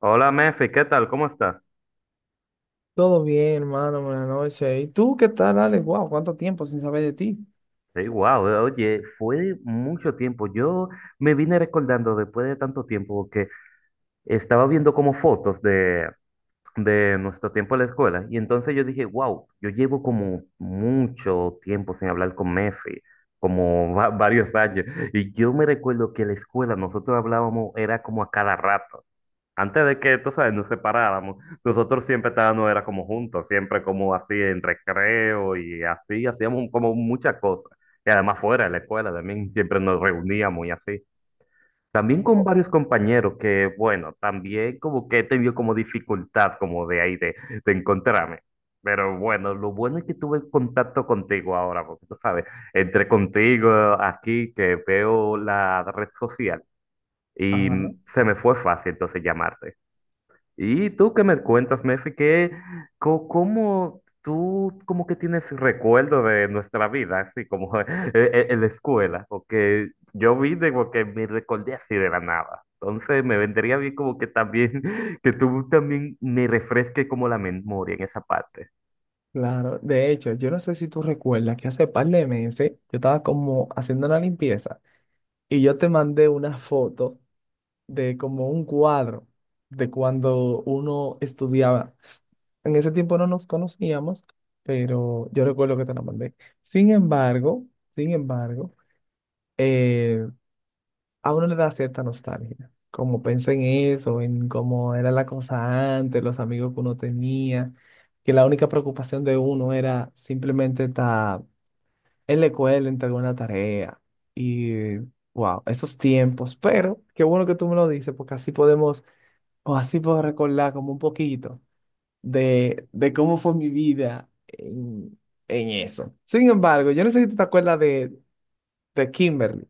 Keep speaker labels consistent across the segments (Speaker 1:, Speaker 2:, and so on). Speaker 1: Hola, Mefi, ¿qué tal? ¿Cómo estás?
Speaker 2: Todo bien, hermano, buenas noches. ¿Y tú qué tal, Alex? Wow, ¿cuánto tiempo sin saber de ti?
Speaker 1: Sí, wow, oye, fue mucho tiempo. Yo me vine recordando después de tanto tiempo que estaba viendo como fotos de nuestro tiempo en la escuela y entonces yo dije, wow, yo llevo como mucho tiempo sin hablar con Mefi, como varios años. Y yo me recuerdo que en la escuela nosotros hablábamos, era como a cada rato. Antes de que, tú sabes, nos separáramos, nosotros siempre estábamos, era como juntos, siempre como así en recreo y así, hacíamos como muchas cosas. Y además fuera de la escuela también siempre nos reuníamos y así. También con varios compañeros que, bueno, también como que he tenido como dificultad como de ahí de encontrarme. Pero bueno, lo bueno es que tuve contacto contigo ahora, porque tú sabes, entre contigo aquí que veo la red social y
Speaker 2: Ajá,
Speaker 1: se me fue fácil entonces llamarte. ¿Y tú qué me cuentas, Mefi? ¿Qué, cómo tú como que tienes recuerdo de nuestra vida, así como en la escuela? Porque yo vine porque me recordé así de la nada. Entonces me vendría bien como que también, que tú también me refresques como la memoria en esa parte.
Speaker 2: claro. De hecho, yo no sé si tú recuerdas que hace par de meses yo estaba como haciendo la limpieza y yo te mandé una foto de como un cuadro de cuando uno estudiaba. En ese tiempo no nos conocíamos, pero yo recuerdo que te la mandé. Sin embargo, sin embargo, eh, a uno le da cierta nostalgia. Como pensé en eso, en cómo era la cosa antes, los amigos que uno tenía, que la única preocupación de uno era simplemente estar en la escuela, entregar una tarea. Y wow, esos tiempos. Pero qué bueno que tú me lo dices, porque así podemos, o así puedo recordar como un poquito de cómo fue mi vida en eso. Sin embargo, yo no sé si tú te acuerdas de Kimberly.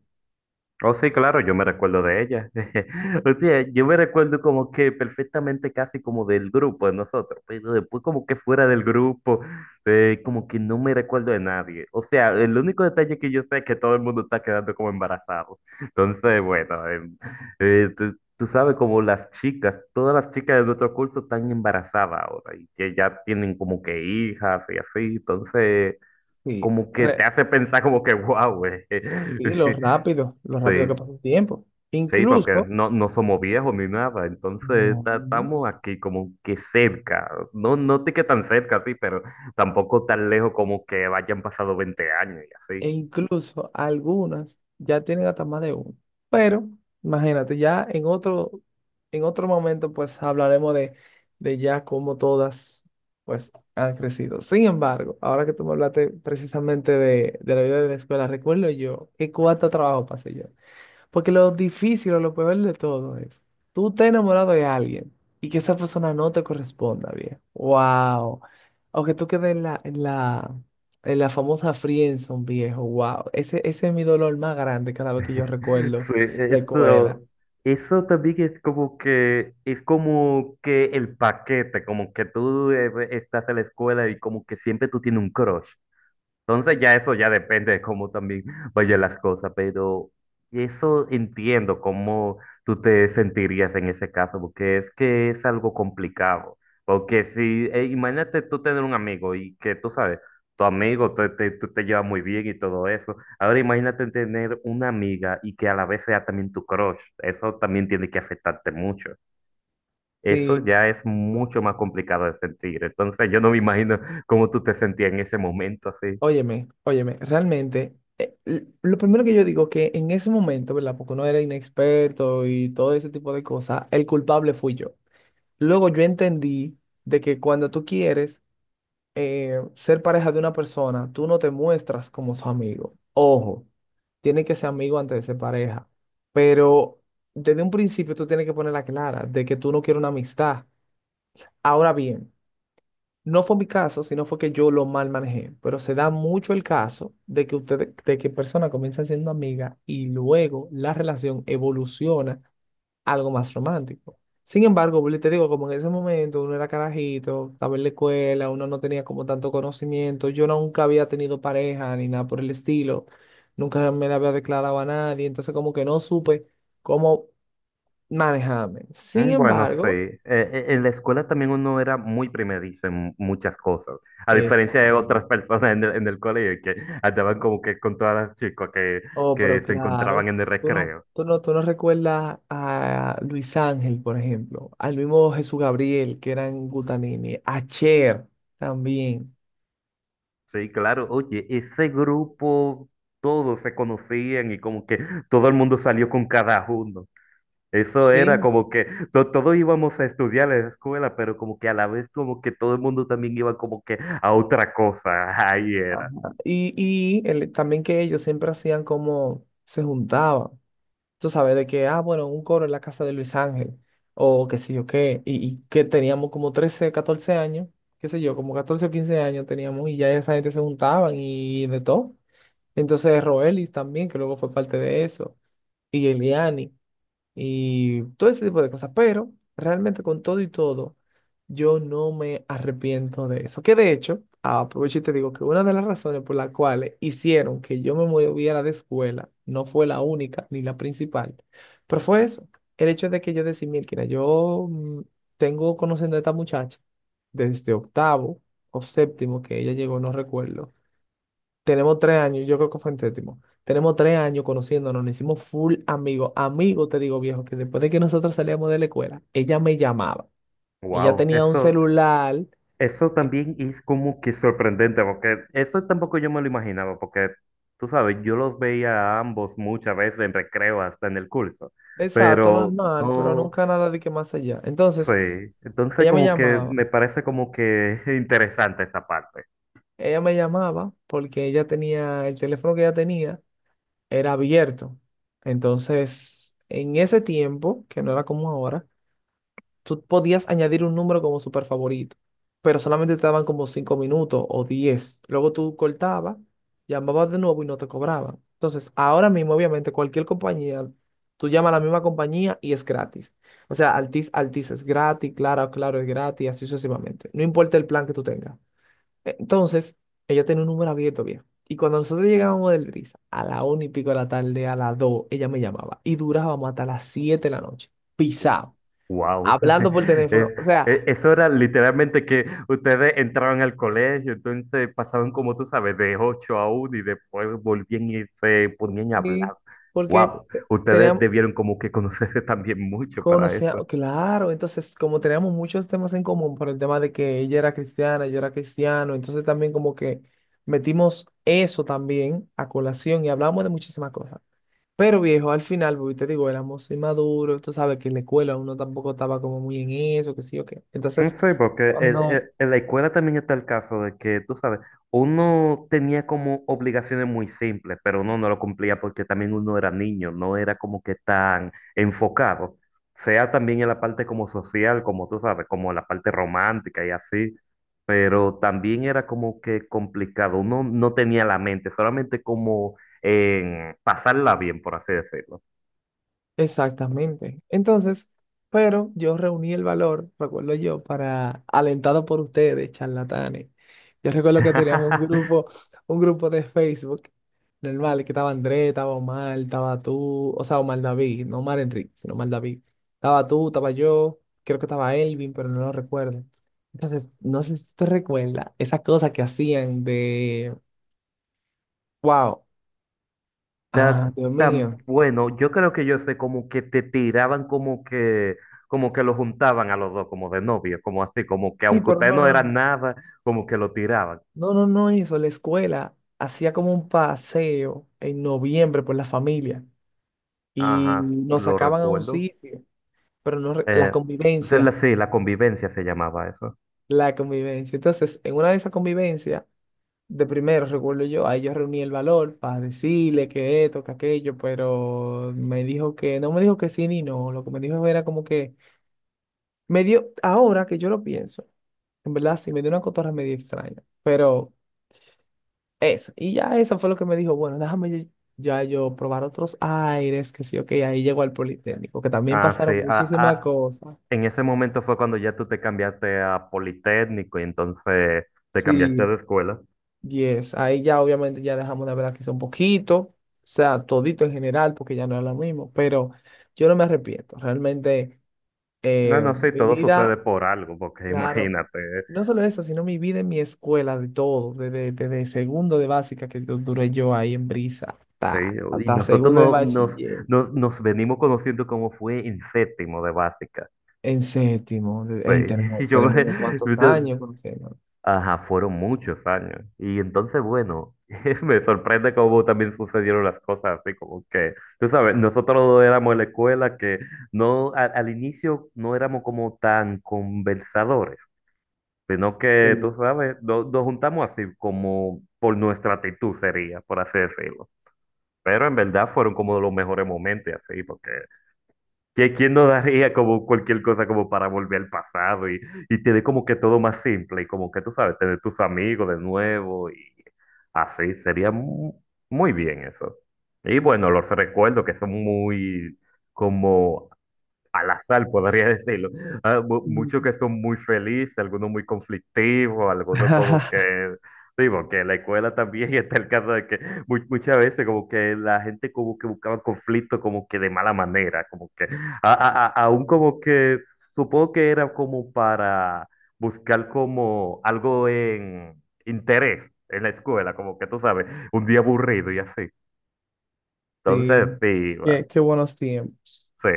Speaker 1: Oh, sí, claro, yo me recuerdo de ella. O sea, yo me recuerdo como que perfectamente casi como del grupo de nosotros, pero después como que fuera del grupo, como que no me recuerdo de nadie. O sea, el único detalle que yo sé es que todo el mundo está quedando como embarazado. Entonces, bueno, tú sabes como las chicas, todas las chicas de nuestro curso están embarazadas ahora y que ya tienen como que hijas y así, entonces
Speaker 2: Sí.
Speaker 1: como que te
Speaker 2: Re-
Speaker 1: hace pensar como que, wow, güey.
Speaker 2: Sí, lo rápido que
Speaker 1: Sí.
Speaker 2: pasa el tiempo.
Speaker 1: Sí, porque
Speaker 2: Incluso,
Speaker 1: no, no somos viejos ni nada, entonces
Speaker 2: no,
Speaker 1: estamos aquí como que cerca, no, no te que tan cerca, sí, pero tampoco tan lejos como que hayan pasado 20 años y
Speaker 2: e
Speaker 1: así.
Speaker 2: incluso algunas ya tienen hasta más de uno. Pero, imagínate, ya en otro momento, pues hablaremos de ya cómo todas, pues, han crecido. Sin embargo, ahora que tú me hablaste precisamente de la vida de la escuela, recuerdo yo qué cuánto trabajo pasé yo. Porque lo difícil o lo peor de todo es, tú estás enamorado de alguien y que esa persona no te corresponda bien. ¡Wow! O que tú quedes en en la famosa friendzone, viejo. ¡Wow! Ese es mi dolor más grande cada vez que yo
Speaker 1: Sí,
Speaker 2: recuerdo la escuela.
Speaker 1: eso también es como que el paquete, como que tú estás en la escuela y como que siempre tú tienes un crush. Entonces ya eso ya depende de cómo también vayan las cosas, pero eso entiendo cómo tú te sentirías en ese caso, porque es que es algo complicado. Porque si, imagínate tú tener un amigo y que tú sabes, tu amigo tú te llevas muy bien y todo eso. Ahora imagínate tener una amiga y que a la vez sea también tu crush. Eso también tiene que afectarte mucho. Eso
Speaker 2: Sí,
Speaker 1: ya es mucho más complicado de sentir. Entonces yo no me imagino cómo tú te sentías en ese momento así.
Speaker 2: óyeme, realmente, lo primero que yo digo que en ese momento, ¿verdad? Porque uno era inexperto y todo ese tipo de cosas, el culpable fui yo. Luego yo entendí de que cuando tú quieres ser pareja de una persona, tú no te muestras como su amigo. Ojo, tiene que ser amigo antes de ser pareja. Pero desde un principio tú tienes que ponerla clara de que tú no quieres una amistad. Ahora bien, no fue mi caso, sino fue que yo lo mal manejé. Pero se da mucho el caso de que ustedes, de que personas comienzan siendo amigas y luego la relación evoluciona algo más romántico. Sin embargo, vuelvo y te digo, como en ese momento uno era carajito, estaba en la escuela, uno no tenía como tanto conocimiento, yo nunca había tenido pareja ni nada por el estilo, nunca me la había declarado a nadie, entonces como que no supe cómo manejarme. Sin
Speaker 1: Bueno, sí.
Speaker 2: embargo,
Speaker 1: En la escuela también uno era muy primerizo en muchas cosas, a
Speaker 2: es,
Speaker 1: diferencia de otras personas en el colegio que andaban como que con todas las chicas
Speaker 2: oh,
Speaker 1: que
Speaker 2: pero
Speaker 1: se encontraban
Speaker 2: claro,
Speaker 1: en el
Speaker 2: tú no,
Speaker 1: recreo.
Speaker 2: tú no, tú no recuerdas a Luis Ángel, por ejemplo, al mismo Jesús Gabriel, que era en Gutanini, a Cher también.
Speaker 1: Sí, claro, oye, ese grupo, todos se conocían y como que todo el mundo salió con cada uno. Eso era
Speaker 2: Sí,
Speaker 1: como que todos íbamos a estudiar en la escuela, pero como que a la vez como que todo el mundo también iba como que a otra cosa. Ahí
Speaker 2: ajá.
Speaker 1: era.
Speaker 2: Y también que ellos siempre hacían como se juntaban. Tú sabes, de que, ah, bueno, un coro en la casa de Luis Ángel, o qué sé yo qué, y que teníamos como 13 14 años, qué sé yo, como 14 o 15 años teníamos, y ya esa gente se juntaban y de todo. Entonces, Roelis también, que luego fue parte de eso, y Eliani y todo ese tipo de cosas. Pero realmente con todo y todo, yo no me arrepiento de eso. Que de hecho, aprovecho y te digo que una de las razones por las cuales hicieron que yo me moviera de escuela no fue la única ni la principal, pero fue eso, el hecho de que yo decía, mira, yo tengo conociendo a esta muchacha desde octavo o séptimo que ella llegó, no recuerdo. Tenemos tres años, yo creo que fue en séptimo. Tenemos tres años conociéndonos, nos hicimos full amigos. Amigo te digo, viejo, que después de que nosotros salíamos de la escuela, ella me llamaba. Ella
Speaker 1: Wow,
Speaker 2: tenía un
Speaker 1: eso.
Speaker 2: celular,
Speaker 1: Eso también es como que sorprendente, porque eso tampoco yo me lo imaginaba, porque tú sabes, yo los veía a ambos muchas veces en recreo, hasta en el curso. Ah,
Speaker 2: exacto,
Speaker 1: pero
Speaker 2: normal, pero
Speaker 1: no
Speaker 2: nunca nada de que más allá. Entonces,
Speaker 1: sé, entonces
Speaker 2: ella me
Speaker 1: como que
Speaker 2: llamaba.
Speaker 1: me parece como que interesante esa parte.
Speaker 2: Ella me llamaba porque ella tenía, el teléfono que ella tenía era abierto. Entonces, en ese tiempo, que no era como ahora, tú podías añadir un número como super favorito, pero solamente te daban como 5 minutos o 10. Luego tú cortabas, llamabas de nuevo y no te cobraban. Entonces, ahora mismo, obviamente, cualquier compañía, tú llamas a la misma compañía y es gratis. O sea, Altis es gratis, Claro es gratis, así sucesivamente. No importa el plan que tú tengas. E, entonces, ella tenía un número abierto, bien. Y cuando nosotros llegábamos del Brisa, a la una y pico de la tarde, a las 2, ella me llamaba. Y durábamos hasta las 7 de la noche. Pisado
Speaker 1: Wow,
Speaker 2: hablando por
Speaker 1: es,
Speaker 2: teléfono. O sea,
Speaker 1: eso era literalmente que ustedes entraban al colegio, entonces pasaban como tú sabes, de 8 a 1 y después volvían y se ponían a
Speaker 2: y
Speaker 1: hablar.
Speaker 2: porque
Speaker 1: Wow, ustedes
Speaker 2: teníamos,
Speaker 1: debieron como que conocerse también mucho para
Speaker 2: conocía,
Speaker 1: eso.
Speaker 2: claro, entonces como teníamos muchos temas en común por el tema de que ella era cristiana, yo era cristiano, entonces también como que metimos eso también a colación y hablamos de muchísimas cosas. Pero viejo, al final, porque te digo, éramos inmaduros, tú sabes que en la escuela uno tampoco estaba como muy en eso, que sí o qué. Entonces,
Speaker 1: Sí, porque
Speaker 2: cuando
Speaker 1: en la escuela también está el caso de que, tú sabes, uno tenía como obligaciones muy simples, pero uno no lo cumplía porque también uno era niño, no era como que tan enfocado, sea también en la parte como social, como tú sabes, como la parte romántica y así, pero también era como que complicado, uno no tenía la mente, solamente como en pasarla bien, por así decirlo.
Speaker 2: exactamente. Entonces, pero yo reuní el valor, recuerdo yo, para, alentado por ustedes, charlatanes. Yo recuerdo que teníamos un grupo de Facebook, normal, que estaba André, estaba Omar, estaba tú, o sea, Omar David, no Omar Enrique, sino Omar David. Estaba tú, estaba yo, creo que estaba Elvin, pero no lo recuerdo. Entonces, no sé si te recuerdas esa cosa que hacían de, wow,
Speaker 1: Está
Speaker 2: ah, Dios
Speaker 1: tan
Speaker 2: mío.
Speaker 1: bueno. Yo creo que yo sé como que te tiraban como que lo juntaban a los dos, como de novio, como así, como que
Speaker 2: Sí,
Speaker 1: aunque
Speaker 2: pero
Speaker 1: ustedes
Speaker 2: no,
Speaker 1: no
Speaker 2: no.
Speaker 1: eran nada, como que lo tiraban.
Speaker 2: No, no, no eso. La escuela hacía como un paseo en noviembre por la familia y
Speaker 1: Ajá, s-
Speaker 2: nos
Speaker 1: lo
Speaker 2: sacaban a un
Speaker 1: recuerdo.
Speaker 2: sitio, pero no la
Speaker 1: Eh,
Speaker 2: convivencia,
Speaker 1: sí, la convivencia se llamaba eso.
Speaker 2: la convivencia. Entonces, en una de esas convivencias, de primero, recuerdo yo, ahí yo reuní el valor para decirle que esto, que aquello, pero me dijo que, no me dijo que sí ni no, lo que me dijo era como que, me dio, ahora que yo lo pienso, en verdad sí, me dio una cotorra medio extraña, pero... Eso. Y ya eso fue lo que me dijo, bueno, déjame ya yo probar otros aires, que sí, ok, ahí llegó al Politécnico, que también
Speaker 1: Ah,
Speaker 2: pasaron
Speaker 1: sí.
Speaker 2: muchísimas cosas.
Speaker 1: En ese momento fue cuando ya tú te cambiaste a Politécnico y entonces te cambiaste de
Speaker 2: Sí,
Speaker 1: escuela.
Speaker 2: yes, ahí ya obviamente ya dejamos de hablar quizá un poquito, o sea, todito en general, porque ya no es lo mismo, pero yo no me arrepiento, realmente
Speaker 1: No, no, sí,
Speaker 2: mi
Speaker 1: todo sucede
Speaker 2: vida,
Speaker 1: por algo, porque
Speaker 2: claro,
Speaker 1: imagínate.
Speaker 2: no solo eso, sino mi vida en mi escuela, de todo, desde segundo de básica que yo duré yo ahí en Brisa,
Speaker 1: Sí, y
Speaker 2: hasta
Speaker 1: nosotros
Speaker 2: segundo de
Speaker 1: no, nos,
Speaker 2: bachiller.
Speaker 1: nos, nos venimos conociendo como fue en séptimo de básica.
Speaker 2: En séptimo,
Speaker 1: Sí,
Speaker 2: ey,
Speaker 1: y yo
Speaker 2: tenemos
Speaker 1: me,
Speaker 2: unos cuantos
Speaker 1: entonces,
Speaker 2: años conociendo.
Speaker 1: ajá, fueron muchos años. Y entonces, bueno, me sorprende cómo también sucedieron las cosas, así como que, tú sabes, nosotros no éramos en la escuela que no, al inicio no éramos como tan conversadores, sino que, tú
Speaker 2: Sí.
Speaker 1: sabes, nos juntamos así como por nuestra actitud sería, por así decirlo. Pero en verdad fueron como de los mejores momentos y así, porque ¿quién, quién no daría como cualquier cosa como para volver al pasado y tener como que todo más simple y como que tú sabes, tener tus amigos de nuevo y así, sería muy bien eso. Y bueno, los recuerdos que son muy como al azar, podría decirlo. Ah,
Speaker 2: Mm.
Speaker 1: muchos que son muy felices, algunos muy conflictivos, algunos como que, digo, que en la escuela también está el caso de que muchas veces como que la gente como que buscaba conflicto como que de mala manera, como que, aún como que supongo que era como para buscar como algo en interés en la escuela, como que tú sabes, un día aburrido y así. Entonces,
Speaker 2: Sí.
Speaker 1: sí, va,
Speaker 2: Qué buenos tiempos.
Speaker 1: sí.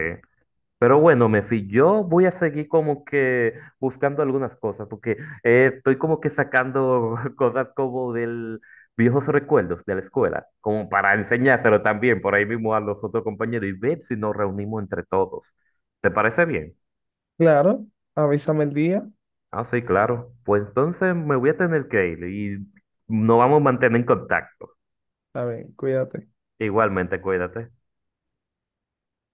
Speaker 1: Pero bueno, Mefi, yo voy a seguir como que buscando algunas cosas, porque estoy como que sacando cosas como del viejos recuerdos de la escuela, como para enseñárselo también por ahí mismo a los otros compañeros y ver si nos reunimos entre todos. ¿Te parece bien?
Speaker 2: Claro, avísame el día.
Speaker 1: Ah, sí, claro. Pues entonces me voy a tener que ir y nos vamos a mantener en contacto.
Speaker 2: A ver, cuídate.
Speaker 1: Igualmente, cuídate.